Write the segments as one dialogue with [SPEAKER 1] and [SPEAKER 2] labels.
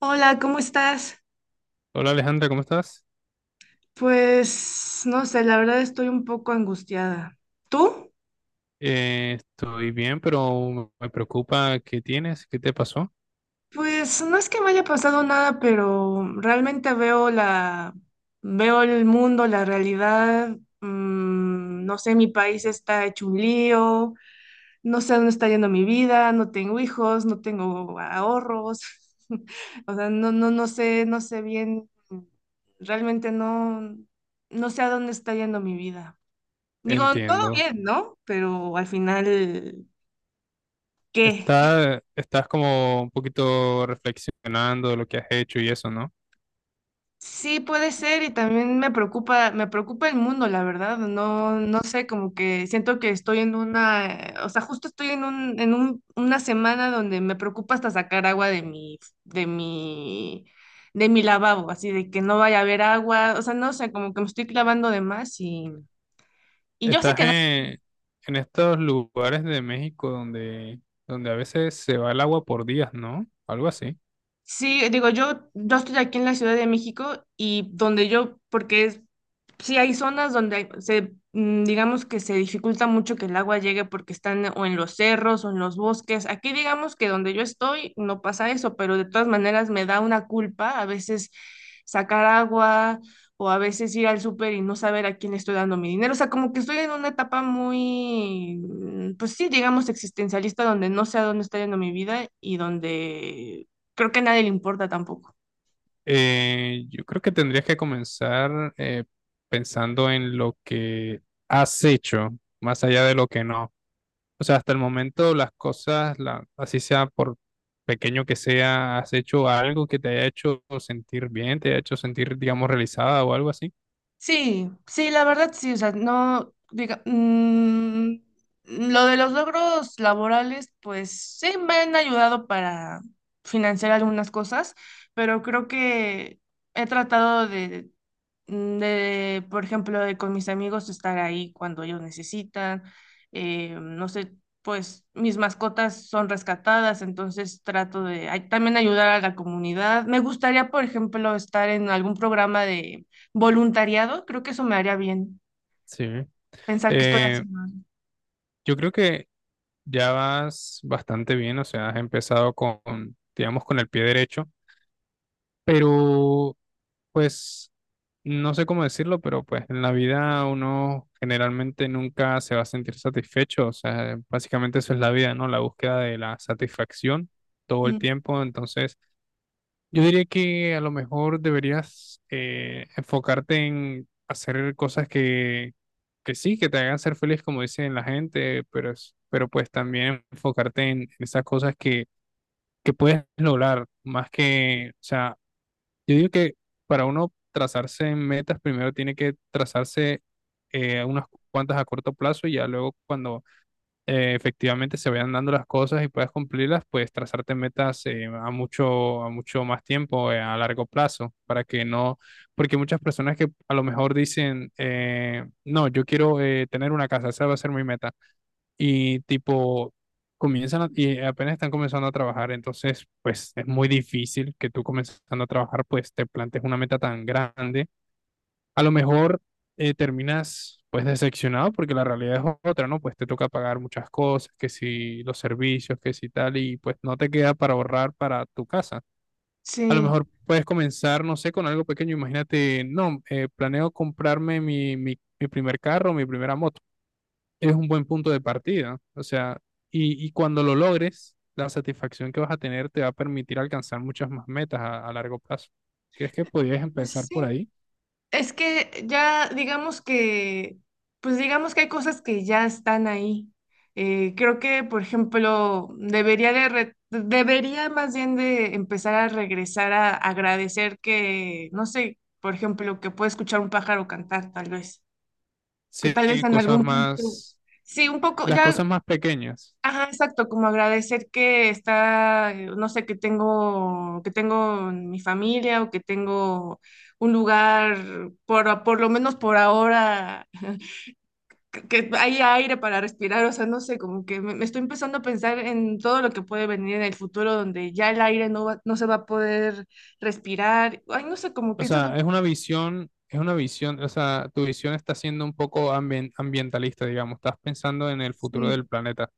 [SPEAKER 1] Hola, ¿cómo estás?
[SPEAKER 2] Hola Alejandra, ¿cómo estás?
[SPEAKER 1] Pues no sé, la verdad estoy un poco angustiada. ¿Tú?
[SPEAKER 2] Estoy bien, pero me preocupa qué tienes, qué te pasó.
[SPEAKER 1] Pues no es que me haya pasado nada, pero realmente veo el mundo, la realidad. No sé, mi país está hecho un lío, no sé dónde está yendo mi vida, no tengo hijos, no tengo ahorros. O sea, no, no, no sé, no sé bien, realmente no sé a dónde está yendo mi vida. Digo, todo
[SPEAKER 2] Entiendo.
[SPEAKER 1] bien, ¿no? Pero al final, ¿qué?
[SPEAKER 2] ¿Estás como un poquito reflexionando de lo que has hecho y eso, no?
[SPEAKER 1] Sí puede ser, y también me preocupa el mundo, la verdad. No, no sé, como que siento que estoy en o sea, justo estoy en una semana donde me preocupa hasta sacar agua de mi, de mi lavabo, así de que no vaya a haber agua. O sea, no sé, como que me estoy clavando de más, y yo sé
[SPEAKER 2] ¿Estás
[SPEAKER 1] que.
[SPEAKER 2] en estos lugares de México donde a veces se va el agua por días, no? Algo así.
[SPEAKER 1] Sí, digo, yo estoy aquí en la Ciudad de México, y donde yo, porque es, sí hay zonas donde digamos que se dificulta mucho que el agua llegue porque están o en los cerros o en los bosques. Aquí digamos que donde yo estoy no pasa eso, pero de todas maneras me da una culpa a veces sacar agua, o a veces ir al súper y no saber a quién le estoy dando mi dinero. O sea, como que estoy en una etapa pues sí, digamos existencialista, donde no sé a dónde está yendo mi vida y donde creo que a nadie le importa tampoco.
[SPEAKER 2] Yo creo que tendrías que comenzar pensando en lo que has hecho, más allá de lo que no. O sea, hasta el momento las cosas, la, así sea por pequeño que sea, has hecho algo que te haya hecho sentir bien, te haya hecho sentir, digamos, realizada o algo así.
[SPEAKER 1] Sí, sí, la verdad sí, o sea, no, diga, mm, lo de los logros laborales, pues sí me han ayudado para financiar algunas cosas, pero creo que he tratado de por ejemplo, de con mis amigos estar ahí cuando ellos necesitan. No sé, pues mis mascotas son rescatadas, entonces trato de también ayudar a la comunidad. Me gustaría, por ejemplo, estar en algún programa de voluntariado. Creo que eso me haría bien,
[SPEAKER 2] Sí.
[SPEAKER 1] pensar que estoy
[SPEAKER 2] Eh,
[SPEAKER 1] haciendo algo.
[SPEAKER 2] yo creo que ya vas bastante bien, o sea, has empezado con, digamos, con el pie derecho, pero pues no sé cómo decirlo, pero pues en la vida uno generalmente nunca se va a sentir satisfecho, o sea, básicamente eso es la vida, ¿no? La búsqueda de la satisfacción todo el
[SPEAKER 1] Mm.
[SPEAKER 2] tiempo, entonces... Yo diría que a lo mejor deberías enfocarte en hacer cosas que sí, que te hagan ser feliz, como dicen la gente, pero, pero pues también enfocarte en esas cosas que puedes lograr, más que, o sea, yo digo que para uno trazarse en metas, primero tiene que trazarse unas cuantas a corto plazo y ya luego cuando efectivamente se vayan dando las cosas y puedas cumplirlas, pues trazarte metas a mucho más tiempo, a largo plazo, para que no, porque muchas personas que a lo mejor dicen, no, yo quiero tener una casa, esa va a ser mi meta, y tipo, y apenas están comenzando a trabajar, entonces, pues es muy difícil que tú comenzando a trabajar, pues te plantes una meta tan grande a lo mejor terminas pues decepcionado porque la realidad es otra, ¿no? Pues te toca pagar muchas cosas, que si los servicios, que si tal, y pues no te queda para ahorrar para tu casa. A lo
[SPEAKER 1] Sí.
[SPEAKER 2] mejor puedes comenzar, no sé, con algo pequeño. Imagínate, no, planeo comprarme mi primer carro, mi primera moto. Es un buen punto de partida. O sea, y cuando lo logres, la satisfacción que vas a tener te va a permitir alcanzar muchas más metas a largo plazo. ¿Crees que podrías
[SPEAKER 1] Pues
[SPEAKER 2] empezar
[SPEAKER 1] sí.
[SPEAKER 2] por ahí?
[SPEAKER 1] Es que ya pues digamos que hay cosas que ya están ahí. Creo que, por ejemplo, debería más bien de empezar a regresar a agradecer que, no sé, por ejemplo, que puede escuchar un pájaro cantar, tal vez, que
[SPEAKER 2] Sí,
[SPEAKER 1] tal vez en
[SPEAKER 2] cosas
[SPEAKER 1] algún punto,
[SPEAKER 2] más
[SPEAKER 1] sí, un poco,
[SPEAKER 2] las
[SPEAKER 1] ya.
[SPEAKER 2] cosas más pequeñas.
[SPEAKER 1] Ajá, exacto, como agradecer que no sé, que tengo mi familia, o que tengo un lugar, por lo menos por ahora, que hay aire para respirar. O sea, no sé, como que me estoy empezando a pensar en todo lo que puede venir en el futuro, donde ya el aire no se va a poder respirar. Ay, no sé, como
[SPEAKER 2] O
[SPEAKER 1] que eso es lo.
[SPEAKER 2] sea, es una visión, o sea, tu visión está siendo un poco ambientalista, digamos, estás pensando en el futuro
[SPEAKER 1] Sí,
[SPEAKER 2] del planeta,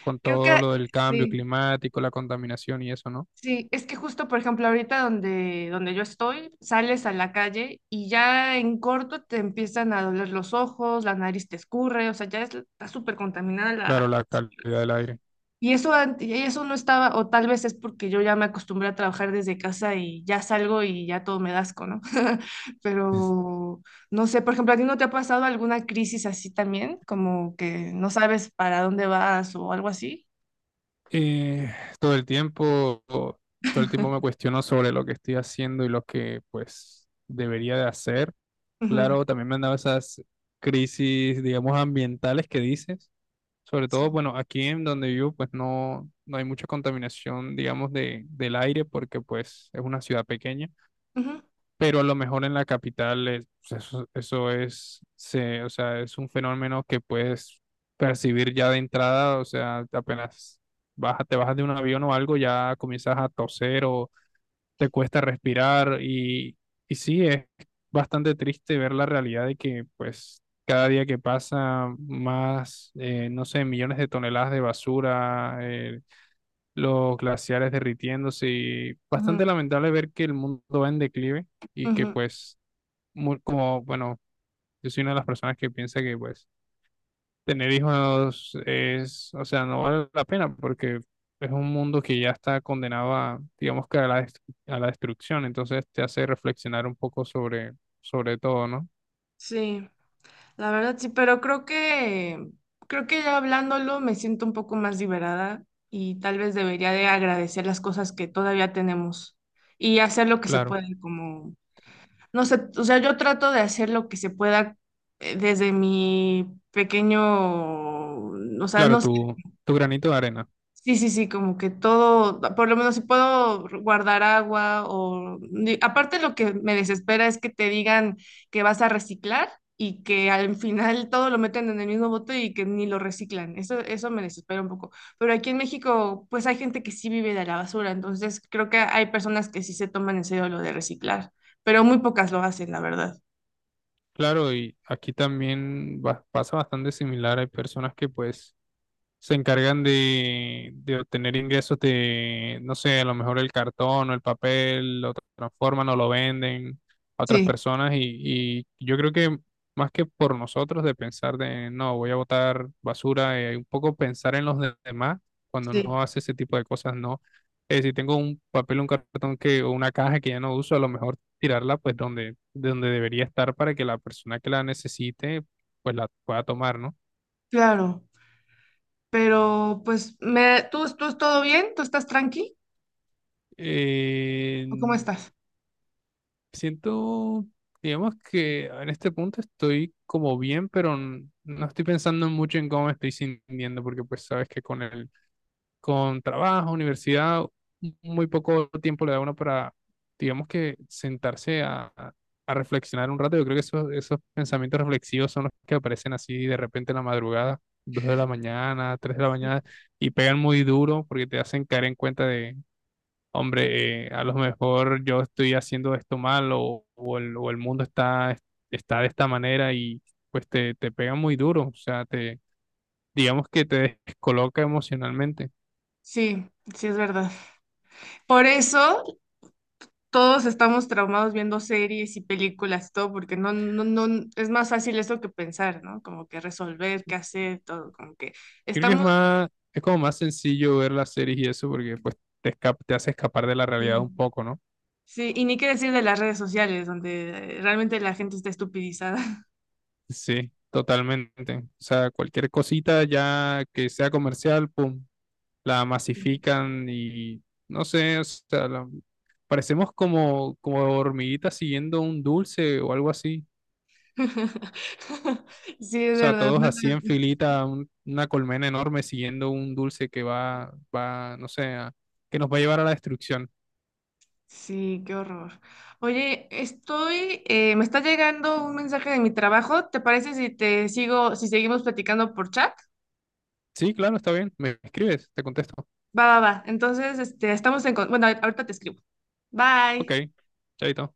[SPEAKER 2] con
[SPEAKER 1] creo que
[SPEAKER 2] todo lo del cambio
[SPEAKER 1] sí.
[SPEAKER 2] climático, la contaminación y eso, ¿no?
[SPEAKER 1] Sí, es que justo, por ejemplo, ahorita donde yo estoy, sales a la calle y ya en corto te empiezan a doler los ojos, la nariz te escurre. O sea, está súper contaminada
[SPEAKER 2] Claro,
[SPEAKER 1] la...
[SPEAKER 2] la calidad del aire.
[SPEAKER 1] Y eso, y eso no estaba, o tal vez es porque yo ya me acostumbré a trabajar desde casa, y ya salgo y ya todo me da asco, ¿no?
[SPEAKER 2] Es-
[SPEAKER 1] Pero no sé, por ejemplo, ¿a ti no te ha pasado alguna crisis así también? Como que no sabes para dónde vas o algo así.
[SPEAKER 2] eh, Todo el tiempo, todo el tiempo me cuestiono sobre lo que estoy haciendo y lo que, pues, debería de hacer.
[SPEAKER 1] Ujú.
[SPEAKER 2] Claro, también me han dado esas crisis, digamos, ambientales que dices. Sobre todo,
[SPEAKER 1] Sí.
[SPEAKER 2] bueno, aquí en donde vivo, pues no, no hay mucha contaminación, digamos, de, del aire, porque pues es una ciudad pequeña,
[SPEAKER 1] Ujú,
[SPEAKER 2] pero a lo mejor en la capital pues, eso es, se, o sea, es un fenómeno que puedes percibir ya de entrada, o sea, apenas te bajas de un avión o algo, ya comienzas a toser o, te cuesta respirar y sí, es bastante triste ver la realidad de que pues cada día que pasa más, no sé, millones de toneladas de basura, los glaciares derritiéndose y
[SPEAKER 1] ujú,
[SPEAKER 2] bastante lamentable ver que el mundo va en declive y que
[SPEAKER 1] ujú.
[SPEAKER 2] pues, como, bueno, yo soy una de las personas que piensa que pues tener hijos es, o sea, no vale la pena porque es un mundo que ya está condenado a, digamos que a la, a la destrucción, entonces te hace reflexionar un poco sobre, sobre todo, ¿no?
[SPEAKER 1] Sí, la verdad sí, pero creo que ya hablándolo me siento un poco más liberada, y tal vez debería de agradecer las cosas que todavía tenemos, y hacer lo que se
[SPEAKER 2] Claro,
[SPEAKER 1] puede, como, no sé. O sea, yo trato de hacer lo que se pueda, desde mi pequeño, o sea,
[SPEAKER 2] claro,
[SPEAKER 1] no.
[SPEAKER 2] tu granito de arena.
[SPEAKER 1] Sí, sí, sí, como que todo, por lo menos si puedo guardar agua o... Aparte lo que me desespera es que te digan que vas a reciclar y que al final todo lo meten en el mismo bote y que ni lo reciclan. Eso me desespera un poco. Pero aquí en México, pues hay gente que sí vive de la basura, entonces creo que hay personas que sí se toman en serio lo de reciclar, pero muy pocas lo hacen, la verdad.
[SPEAKER 2] Claro, y aquí también pasa bastante similar. Hay personas que pues se encargan de obtener ingresos de, no sé, a lo mejor el cartón o el papel, lo transforman o lo venden a otras
[SPEAKER 1] Sí,
[SPEAKER 2] personas y yo creo que más que por nosotros de pensar de, no, voy a botar basura, un poco pensar en los demás cuando
[SPEAKER 1] sí,
[SPEAKER 2] uno hace ese tipo de cosas, no. Si tengo un papel, un cartón que, o una caja que ya no uso, a lo mejor tirarla pues donde, de donde debería estar para que la persona que la necesite pues la pueda tomar, ¿no?
[SPEAKER 1] claro. Pero pues, tú todo bien? ¿Tú estás tranqui?
[SPEAKER 2] Eh,
[SPEAKER 1] ¿O cómo estás?
[SPEAKER 2] Siento, digamos que en este punto estoy como bien, pero no estoy pensando mucho en cómo me estoy sintiendo, porque pues sabes que con el, con trabajo, universidad, muy poco tiempo le da uno para, digamos que sentarse a reflexionar un rato. Yo creo que esos, esos pensamientos reflexivos son los que aparecen así de repente en la madrugada, dos de la mañana, tres de la mañana, y pegan muy duro porque te hacen caer en cuenta hombre, a lo mejor yo estoy haciendo esto mal o, o el mundo está, está de esta manera y pues te pega muy duro, o sea, te, digamos que te descoloca emocionalmente.
[SPEAKER 1] Sí, sí es verdad. Por eso todos estamos traumados viendo series y películas, y todo, porque no, no, no, es más fácil eso que pensar, ¿no? Como que resolver, qué hacer, todo, como que
[SPEAKER 2] Creo que es
[SPEAKER 1] estamos,
[SPEAKER 2] más, es como más sencillo ver las series y eso porque pues te, te hace escapar de la realidad
[SPEAKER 1] sí,
[SPEAKER 2] un poco, ¿no?
[SPEAKER 1] sí, y ni qué decir de las redes sociales, donde realmente la gente está estupidizada.
[SPEAKER 2] Sí, totalmente. O sea, cualquier cosita ya que sea comercial, pum, la masifican y no sé, o sea, parecemos como, como hormiguitas siguiendo un dulce o algo así.
[SPEAKER 1] Sí,
[SPEAKER 2] O
[SPEAKER 1] es
[SPEAKER 2] sea,
[SPEAKER 1] verdad.
[SPEAKER 2] todos
[SPEAKER 1] No
[SPEAKER 2] así en
[SPEAKER 1] la-
[SPEAKER 2] filita, una colmena enorme siguiendo un dulce que va, va, no sé, que nos va a llevar a la destrucción.
[SPEAKER 1] Sí, qué horror. Oye, me está llegando un mensaje de mi trabajo. ¿Te parece si te sigo, si seguimos platicando por chat?
[SPEAKER 2] Sí, claro, está bien. Me escribes, te contesto.
[SPEAKER 1] Va, va, va. Entonces, este, Bueno, ahorita te escribo.
[SPEAKER 2] Ok,
[SPEAKER 1] Bye.
[SPEAKER 2] chaito.